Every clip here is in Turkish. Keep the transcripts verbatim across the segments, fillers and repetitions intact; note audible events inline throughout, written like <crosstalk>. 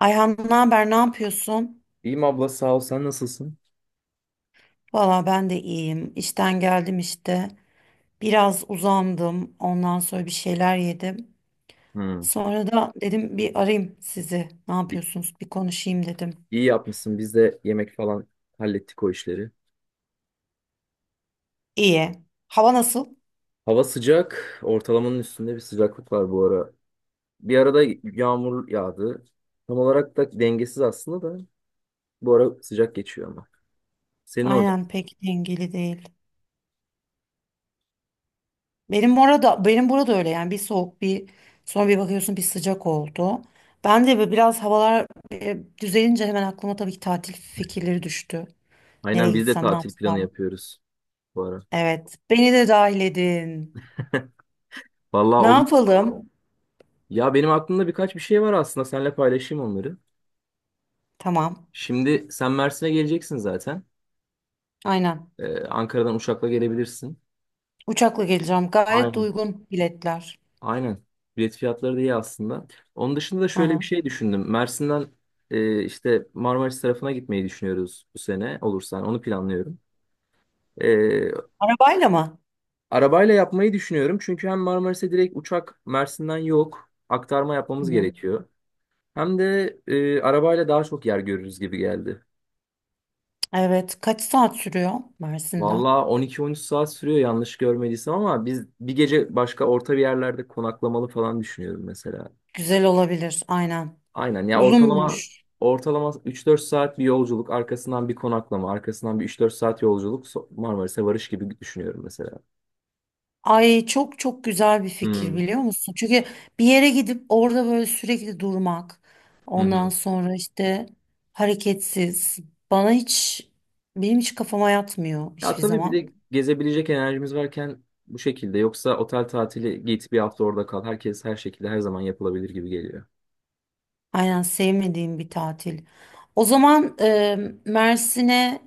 Ayhan ne haber, ne yapıyorsun? İyiyim abla sağ ol sen nasılsın? Valla ben de iyiyim. İşten geldim işte. Biraz uzandım. Ondan sonra bir şeyler yedim. Hmm. Sonra da dedim bir arayayım sizi. Ne İ- yapıyorsunuz? Bir konuşayım dedim. İyi yapmışsın biz de yemek falan hallettik o işleri. İyi. Hava nasıl? Hava sıcak, ortalamanın üstünde bir sıcaklık var bu ara. Bir arada yağmur yağdı. Tam olarak da dengesiz aslında da, bu ara sıcak geçiyor ama. Senin orada. Aynen pek dengeli değil. Benim orada benim burada öyle, yani bir soğuk, bir sonra bir bakıyorsun bir sıcak oldu. Ben de böyle biraz havalar e, düzelince hemen aklıma tabii ki tatil fikirleri düştü. Nereye Aynen, biz de gitsem, ne tatil planı yapsam? yapıyoruz bu ara. Evet, beni de dahil edin. Vallahi Ne olur. yapalım? Ya benim aklımda birkaç bir şey var aslında, seninle paylaşayım onları. Tamam. Şimdi sen Mersin'e geleceksin zaten. Aynen. Ee, Ankara'dan uçakla gelebilirsin. Uçakla geleceğim. Gayet de Aynen. uygun biletler. Aynen. Bilet fiyatları da iyi aslında. Onun dışında da şöyle bir Aha. şey düşündüm. Mersin'den e, işte Marmaris tarafına gitmeyi düşünüyoruz bu sene olursa. yani onu planlıyorum. E, Arabayla mı? arabayla yapmayı düşünüyorum. Çünkü hem Marmaris'e direkt uçak Mersin'den yok. Aktarma yapmamız Hı. gerekiyor. Hem de e, arabayla daha çok yer görürüz gibi geldi. Evet. Kaç saat sürüyor Mersin'den? Valla on iki on üç saat sürüyor yanlış görmediysem, ama biz bir gece başka orta bir yerlerde konaklamalı falan düşünüyorum mesela. Güzel olabilir. Aynen. Aynen ya, ortalama Uzunmuş. ortalama üç dört saat bir yolculuk, arkasından bir konaklama, arkasından bir üç dört saat yolculuk, so- Marmaris'e varış gibi düşünüyorum mesela. Ay, çok çok güzel bir fikir, Hmm. biliyor musun? Çünkü bir yere gidip orada böyle sürekli durmak. Hı Ondan hı. sonra işte hareketsiz. Bana hiç benim hiç kafama yatmıyor Ya hiçbir tabii bir zaman. de gezebilecek enerjimiz varken bu şekilde, yoksa otel tatili git bir hafta orada kal. Herkes her şekilde her zaman yapılabilir gibi geliyor. Aynen, sevmediğim bir tatil. O zaman e, Mersin'e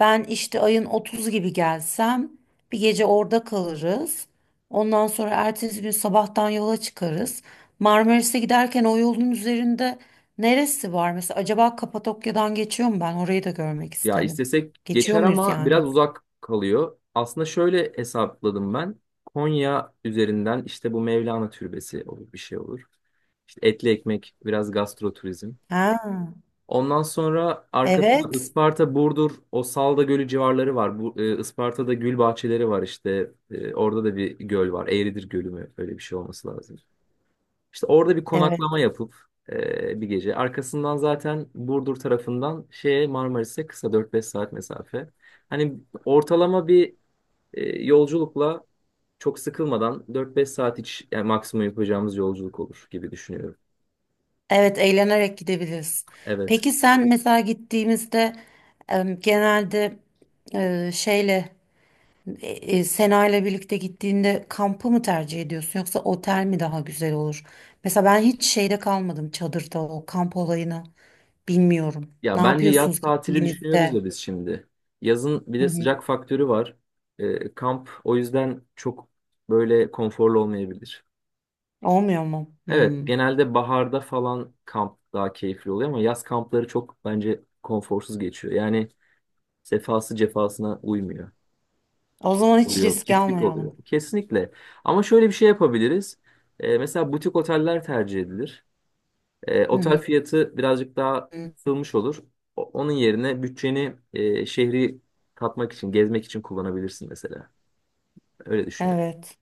ben işte ayın otuzu gibi gelsem bir gece orada kalırız. Ondan sonra ertesi gün sabahtan yola çıkarız. Marmaris'e giderken o yolun üzerinde neresi var? Mesela acaba Kapadokya'dan geçiyor mu ben? Orayı da görmek Ya isterim. istesek Geçiyor geçer muyuz ama biraz yani? uzak kalıyor. Aslında şöyle hesapladım ben. Konya üzerinden işte bu Mevlana Türbesi olur, bir şey olur. İşte etli ekmek, biraz gastro turizm. Ha, Ondan sonra arkasında evet. Isparta, Burdur, o Salda Gölü civarları var. Bu e, Isparta'da gül bahçeleri var işte. E, orada da bir göl var. Eğridir Gölü mü? Öyle bir şey olması lazım. İşte orada bir Evet. konaklama yapıp e, bir gece. Arkasından zaten Burdur tarafından şeye, Marmaris'e kısa dört beş saat mesafe. Hani ortalama bir e, yolculukla, çok sıkılmadan dört beş saat iç yani maksimum yapacağımız yolculuk olur gibi düşünüyorum. Evet, eğlenerek gidebiliriz. Evet. Peki sen mesela gittiğimizde em, genelde e, şeyle e, e, Sena ile birlikte gittiğinde kampı mı tercih ediyorsun, yoksa otel mi daha güzel olur? Mesela ben hiç şeyde kalmadım, çadırda, o kamp olayını bilmiyorum. Ne Ya bence yaz yapıyorsunuz tatili düşünüyoruz gittiğinizde? ya biz şimdi. Yazın bir Hı de hı. sıcak faktörü var. Ee, kamp o yüzden çok böyle konforlu olmayabilir. Olmuyor mu? Evet, Hmm. genelde baharda falan kamp daha keyifli oluyor, ama yaz kampları çok bence konforsuz geçiyor. Yani sefası cefasına uymuyor. O zaman hiç Oluyor, risk pislik almayalım. oluyor. Kesinlikle. Ama şöyle bir şey yapabiliriz. Ee, mesela butik oteller tercih edilir. E, otel Hı fiyatı birazcık daha hı. kısılmış olur. O- Onun yerine bütçeni e, şehri tatmak için, gezmek için kullanabilirsin mesela. Öyle düşünüyorum. Evet.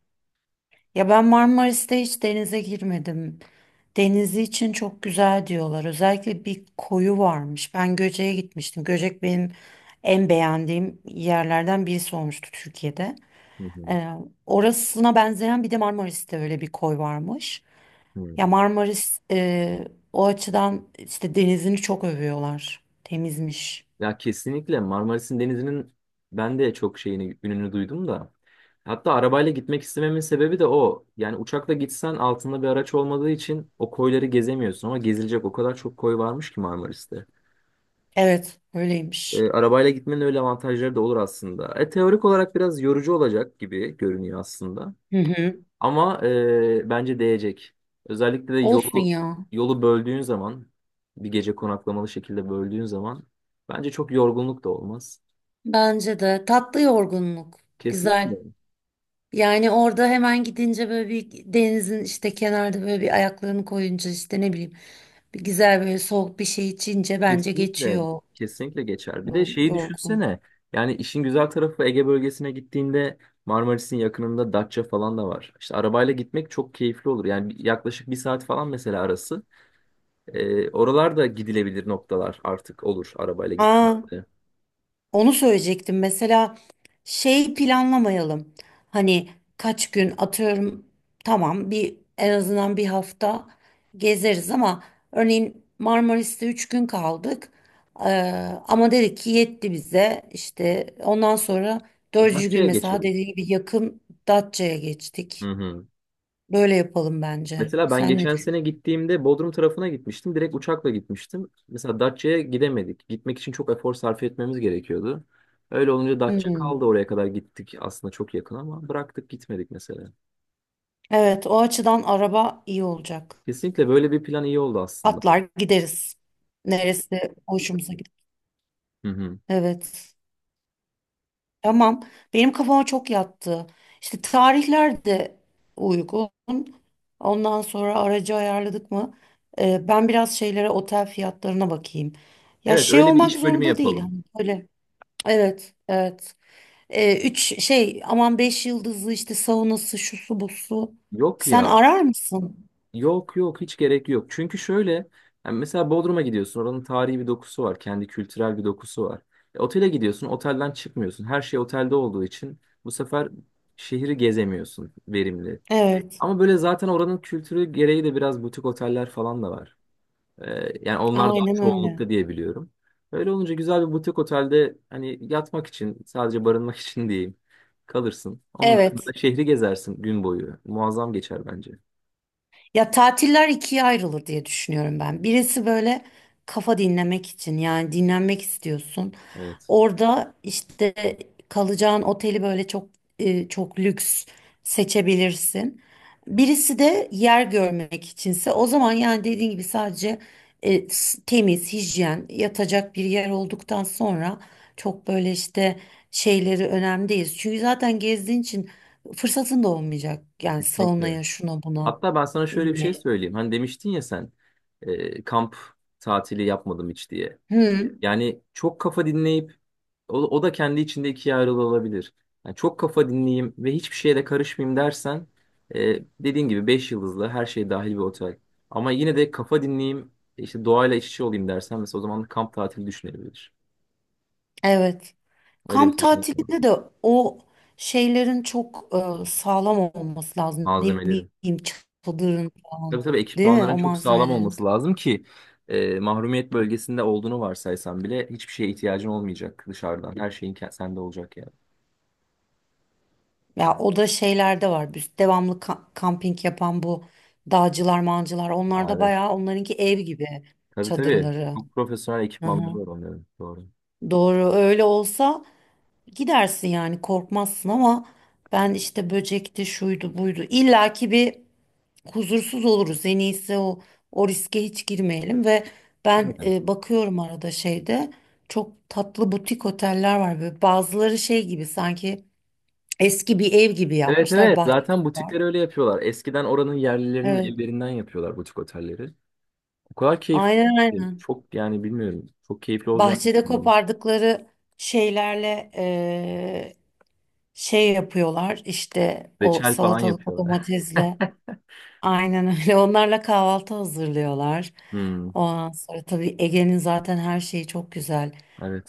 Ya ben Marmaris'te hiç denize girmedim. Denizi için çok güzel diyorlar. Özellikle bir koyu varmış. Ben Göcek'e gitmiştim. Göcek benim en beğendiğim yerlerden birisi olmuştu Türkiye'de. Hı hı. Ee, Orasına benzeyen bir de Marmaris'te öyle bir koy varmış. Hı. Ya Marmaris e, o açıdan işte denizini çok övüyorlar. Temizmiş. Ya kesinlikle Marmaris'in denizinin ben de çok şeyini, ününü duydum da. Hatta arabayla gitmek istememin sebebi de o. Yani uçakla gitsen altında bir araç olmadığı için o koyları gezemiyorsun, ama gezilecek o kadar çok koy varmış ki Marmaris'te. Evet, öyleymiş. E, arabayla gitmenin öyle avantajları da olur aslında. E, teorik olarak biraz yorucu olacak gibi görünüyor aslında. Hı hı. Ama e, bence değecek. Özellikle de Olsun yolu ya. yolu böldüğün zaman, bir gece konaklamalı şekilde böldüğün zaman bence çok yorgunluk da olmaz. Bence de tatlı yorgunluk. Güzel. Kesinlikle. Yani orada hemen gidince böyle bir denizin işte kenarda böyle bir ayaklarını koyunca işte ne bileyim, bir güzel böyle soğuk bir şey içince bence Kesinlikle. geçiyor o Kesinlikle geçer. Bir de yol- şeyi yorgunluk. düşünsene. Yani işin güzel tarafı, Ege bölgesine gittiğinde Marmaris'in yakınında Datça falan da var. İşte arabayla gitmek çok keyifli olur. Yani bir- yaklaşık bir saat falan mesela arası. Ee, oralar da gidilebilir noktalar artık olur arabayla Aa, gittiğimizde. onu söyleyecektim. Mesela şey planlamayalım. Hani kaç gün, atıyorum, tamam bir, en azından bir hafta gezeriz ama örneğin Marmaris'te üç gün kaldık. Ee, Ama dedik ki yetti bize. İşte ondan sonra dördüncü gün Datça'ya mesela geçeriz. dediğim gibi yakın Datça'ya Hı geçtik. hı. Böyle yapalım bence. Mesela ben Sen ne geçen düşünüyorsun? sene gittiğimde Bodrum tarafına gitmiştim. Direkt uçakla gitmiştim. Mesela Datça'ya gidemedik. Gitmek için çok efor sarf etmemiz gerekiyordu. Öyle olunca Datça Hmm. kaldı, oraya kadar gittik. Aslında çok yakın ama bıraktık, gitmedik mesela. Evet, o açıdan araba iyi olacak. Kesinlikle böyle bir plan iyi oldu aslında. Atlar gideriz. Neresi hoşumuza. Hı hı. Evet. Tamam. Benim kafama çok yattı. İşte tarihler de uygun. Ondan sonra aracı ayarladık mı? Ee, ben biraz şeylere, otel fiyatlarına bakayım. Ya Evet, şey öyle bir olmak iş bölümü zorunda değil. yapalım. Hani böyle. Evet, evet. Ee, üç şey aman, beş yıldızlı işte saunası şusu busu. Yok Sen ya. arar mısın? Yok yok, hiç gerek yok. Çünkü şöyle, yani mesela Bodrum'a gidiyorsun, oranın tarihi bir dokusu var. Kendi kültürel bir dokusu var. E, otele gidiyorsun, otelden çıkmıyorsun. Her şey otelde olduğu için bu sefer şehri gezemiyorsun verimli. Evet. Ama böyle zaten oranın kültürü gereği de biraz butik oteller falan da var. E, yani onlar daha Aynen öyle. çoğunlukta diye biliyorum. Öyle olunca güzel bir butik otelde, hani yatmak için, sadece barınmak <laughs> için diyeyim, kalırsın. Onun dışında da Evet. şehri gezersin gün boyu. Muazzam geçer bence. Ya tatiller ikiye ayrılır diye düşünüyorum ben. Birisi böyle kafa dinlemek için, yani dinlenmek istiyorsun. Evet. Orada işte kalacağın oteli böyle çok e, çok lüks seçebilirsin. Birisi de yer görmek içinse, o zaman yani dediğin gibi sadece e, s- temiz, hijyen, yatacak bir yer olduktan sonra çok böyle işte şeyleri önemli değil. Çünkü zaten gezdiğin için fırsatın da olmayacak. Yani Kesinlikle. salonaya şuna buna Hatta ben sana şöyle bir şey inmeye. söyleyeyim. Hani demiştin ya sen e, kamp tatili yapmadım hiç diye. Hı, Yani çok kafa dinleyip, o, o da kendi içinde ikiye ayrılabilir. Yani çok kafa dinleyeyim ve hiçbir şeye de karışmayayım dersen, e, dediğin gibi beş yıldızlı her şey dahil bir otel. Ama yine de kafa dinleyeyim, işte doğayla iç içe olayım dersen, mesela o zaman kamp tatili düşünebilir. evet. Öyle bir Kamp seçenek var. tatilinde de o şeylerin çok e, sağlam olması lazım. Ne Malzemelerim. bileyim, çadırın Tabii falan. tabii, Değil mi, ekipmanların o çok sağlam malzemelerin? olması lazım ki e, mahrumiyet bölgesinde olduğunu varsaysan bile hiçbir şeye ihtiyacın olmayacak dışarıdan. Her şeyin ke- sende olacak yani. Ya o da şeylerde var. Biz devamlı ka- kamping yapan bu dağcılar, mancılar. Onlar Aa, da evet. bayağı, onlarınki ev gibi Tabii tabii. çadırları. Çok profesyonel Hı ekipmanları hı. var onların. Doğru. Doğru, öyle olsa gidersin yani, korkmazsın ama ben işte böcekti şuydu buydu illaki bir huzursuz oluruz. En iyisi o, o riske hiç girmeyelim ve ben Aynen. e, bakıyorum arada şeyde çok tatlı butik oteller var, böyle bazıları şey gibi sanki eski bir ev gibi Evet yapmışlar, evet. bahçesi Zaten var. butikleri öyle yapıyorlar. Eskiden oranın yerlilerinin Evet, evlerinden yapıyorlar butik otelleri. O kadar keyifli aynen ki. aynen, Çok, yani bilmiyorum. Çok keyifli olacağını bahçede düşündüm. kopardıkları şeylerle e, şey yapıyorlar işte, o Reçel falan salatalık o yapıyorlar. <laughs> domatesle, aynen öyle, <laughs> onlarla kahvaltı hazırlıyorlar. Hmm, Ondan sonra tabii Ege'nin zaten her şeyi çok güzel.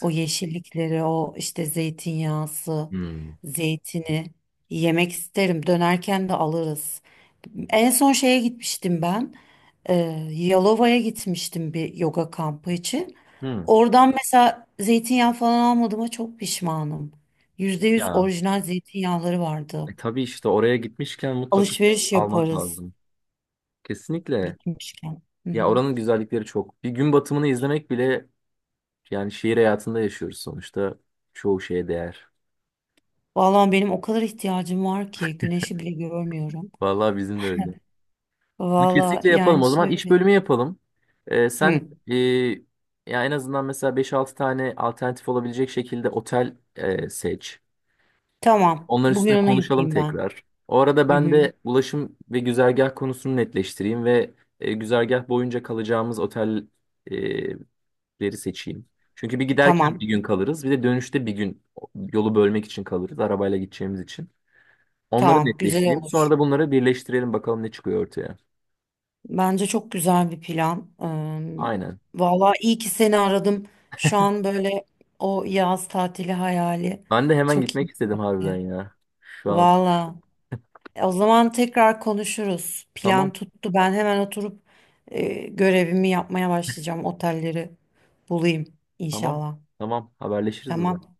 O yeşillikleri, o işte zeytinyağısı, Hmm. zeytini yemek isterim. Dönerken de alırız. En son şeye gitmiştim ben. Ee, Yalova'ya gitmiştim bir yoga kampı için. Hmm. Oradan mesela zeytinyağı falan almadığıma çok pişmanım. Yüzde yüz Ya. orijinal zeytinyağları vardı. E, tabii işte oraya gitmişken mutlaka Alışveriş almak yaparız lazım. Kesinlikle. gitmişken. Hı Ya hı. oranın güzellikleri çok. Bir gün batımını izlemek bile, yani şehir hayatında yaşıyoruz sonuçta. Çoğu şeye değer. Vallahi benim o kadar ihtiyacım var ki, güneşi bile görmüyorum. Vallahi bizim de öyle. Bunu Vallahi Kesinlikle yapalım. yani O zaman iş şöyle. bölümü yapalım. E, sen Hı, e, ya en azından mesela beş altı tane alternatif olabilecek şekilde otel e, seç. tamam. Onlar Bugün üstüne onu konuşalım yapayım ben. tekrar. O arada Hı ben hı. de ulaşım ve güzergah konusunu netleştireyim ve e, güzergah boyunca kalacağımız otelleri seçeyim. Çünkü bir giderken bir Tamam. gün kalırız, bir de dönüşte bir gün yolu bölmek için kalırız, arabayla gideceğimiz için. Onları Tamam. Güzel netleştireyim. Sonra olur. da bunları birleştirelim, bakalım ne çıkıyor ortaya. Bence çok güzel bir plan. Aynen. Ee, vallahi iyi ki seni aradım. Şu an böyle o yaz tatili hayali Ben de hemen çok gitmek istedim harbiden iyi. ya. Şu an. Valla. E, o zaman tekrar konuşuruz. Plan Tamam, tuttu. Ben hemen oturup e, görevimi yapmaya başlayacağım. Otelleri bulayım tamam, inşallah. tamam. Haberleşiriz o zaman. Tamam.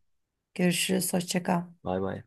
Görüşürüz. Hoşça kal. Bay bay.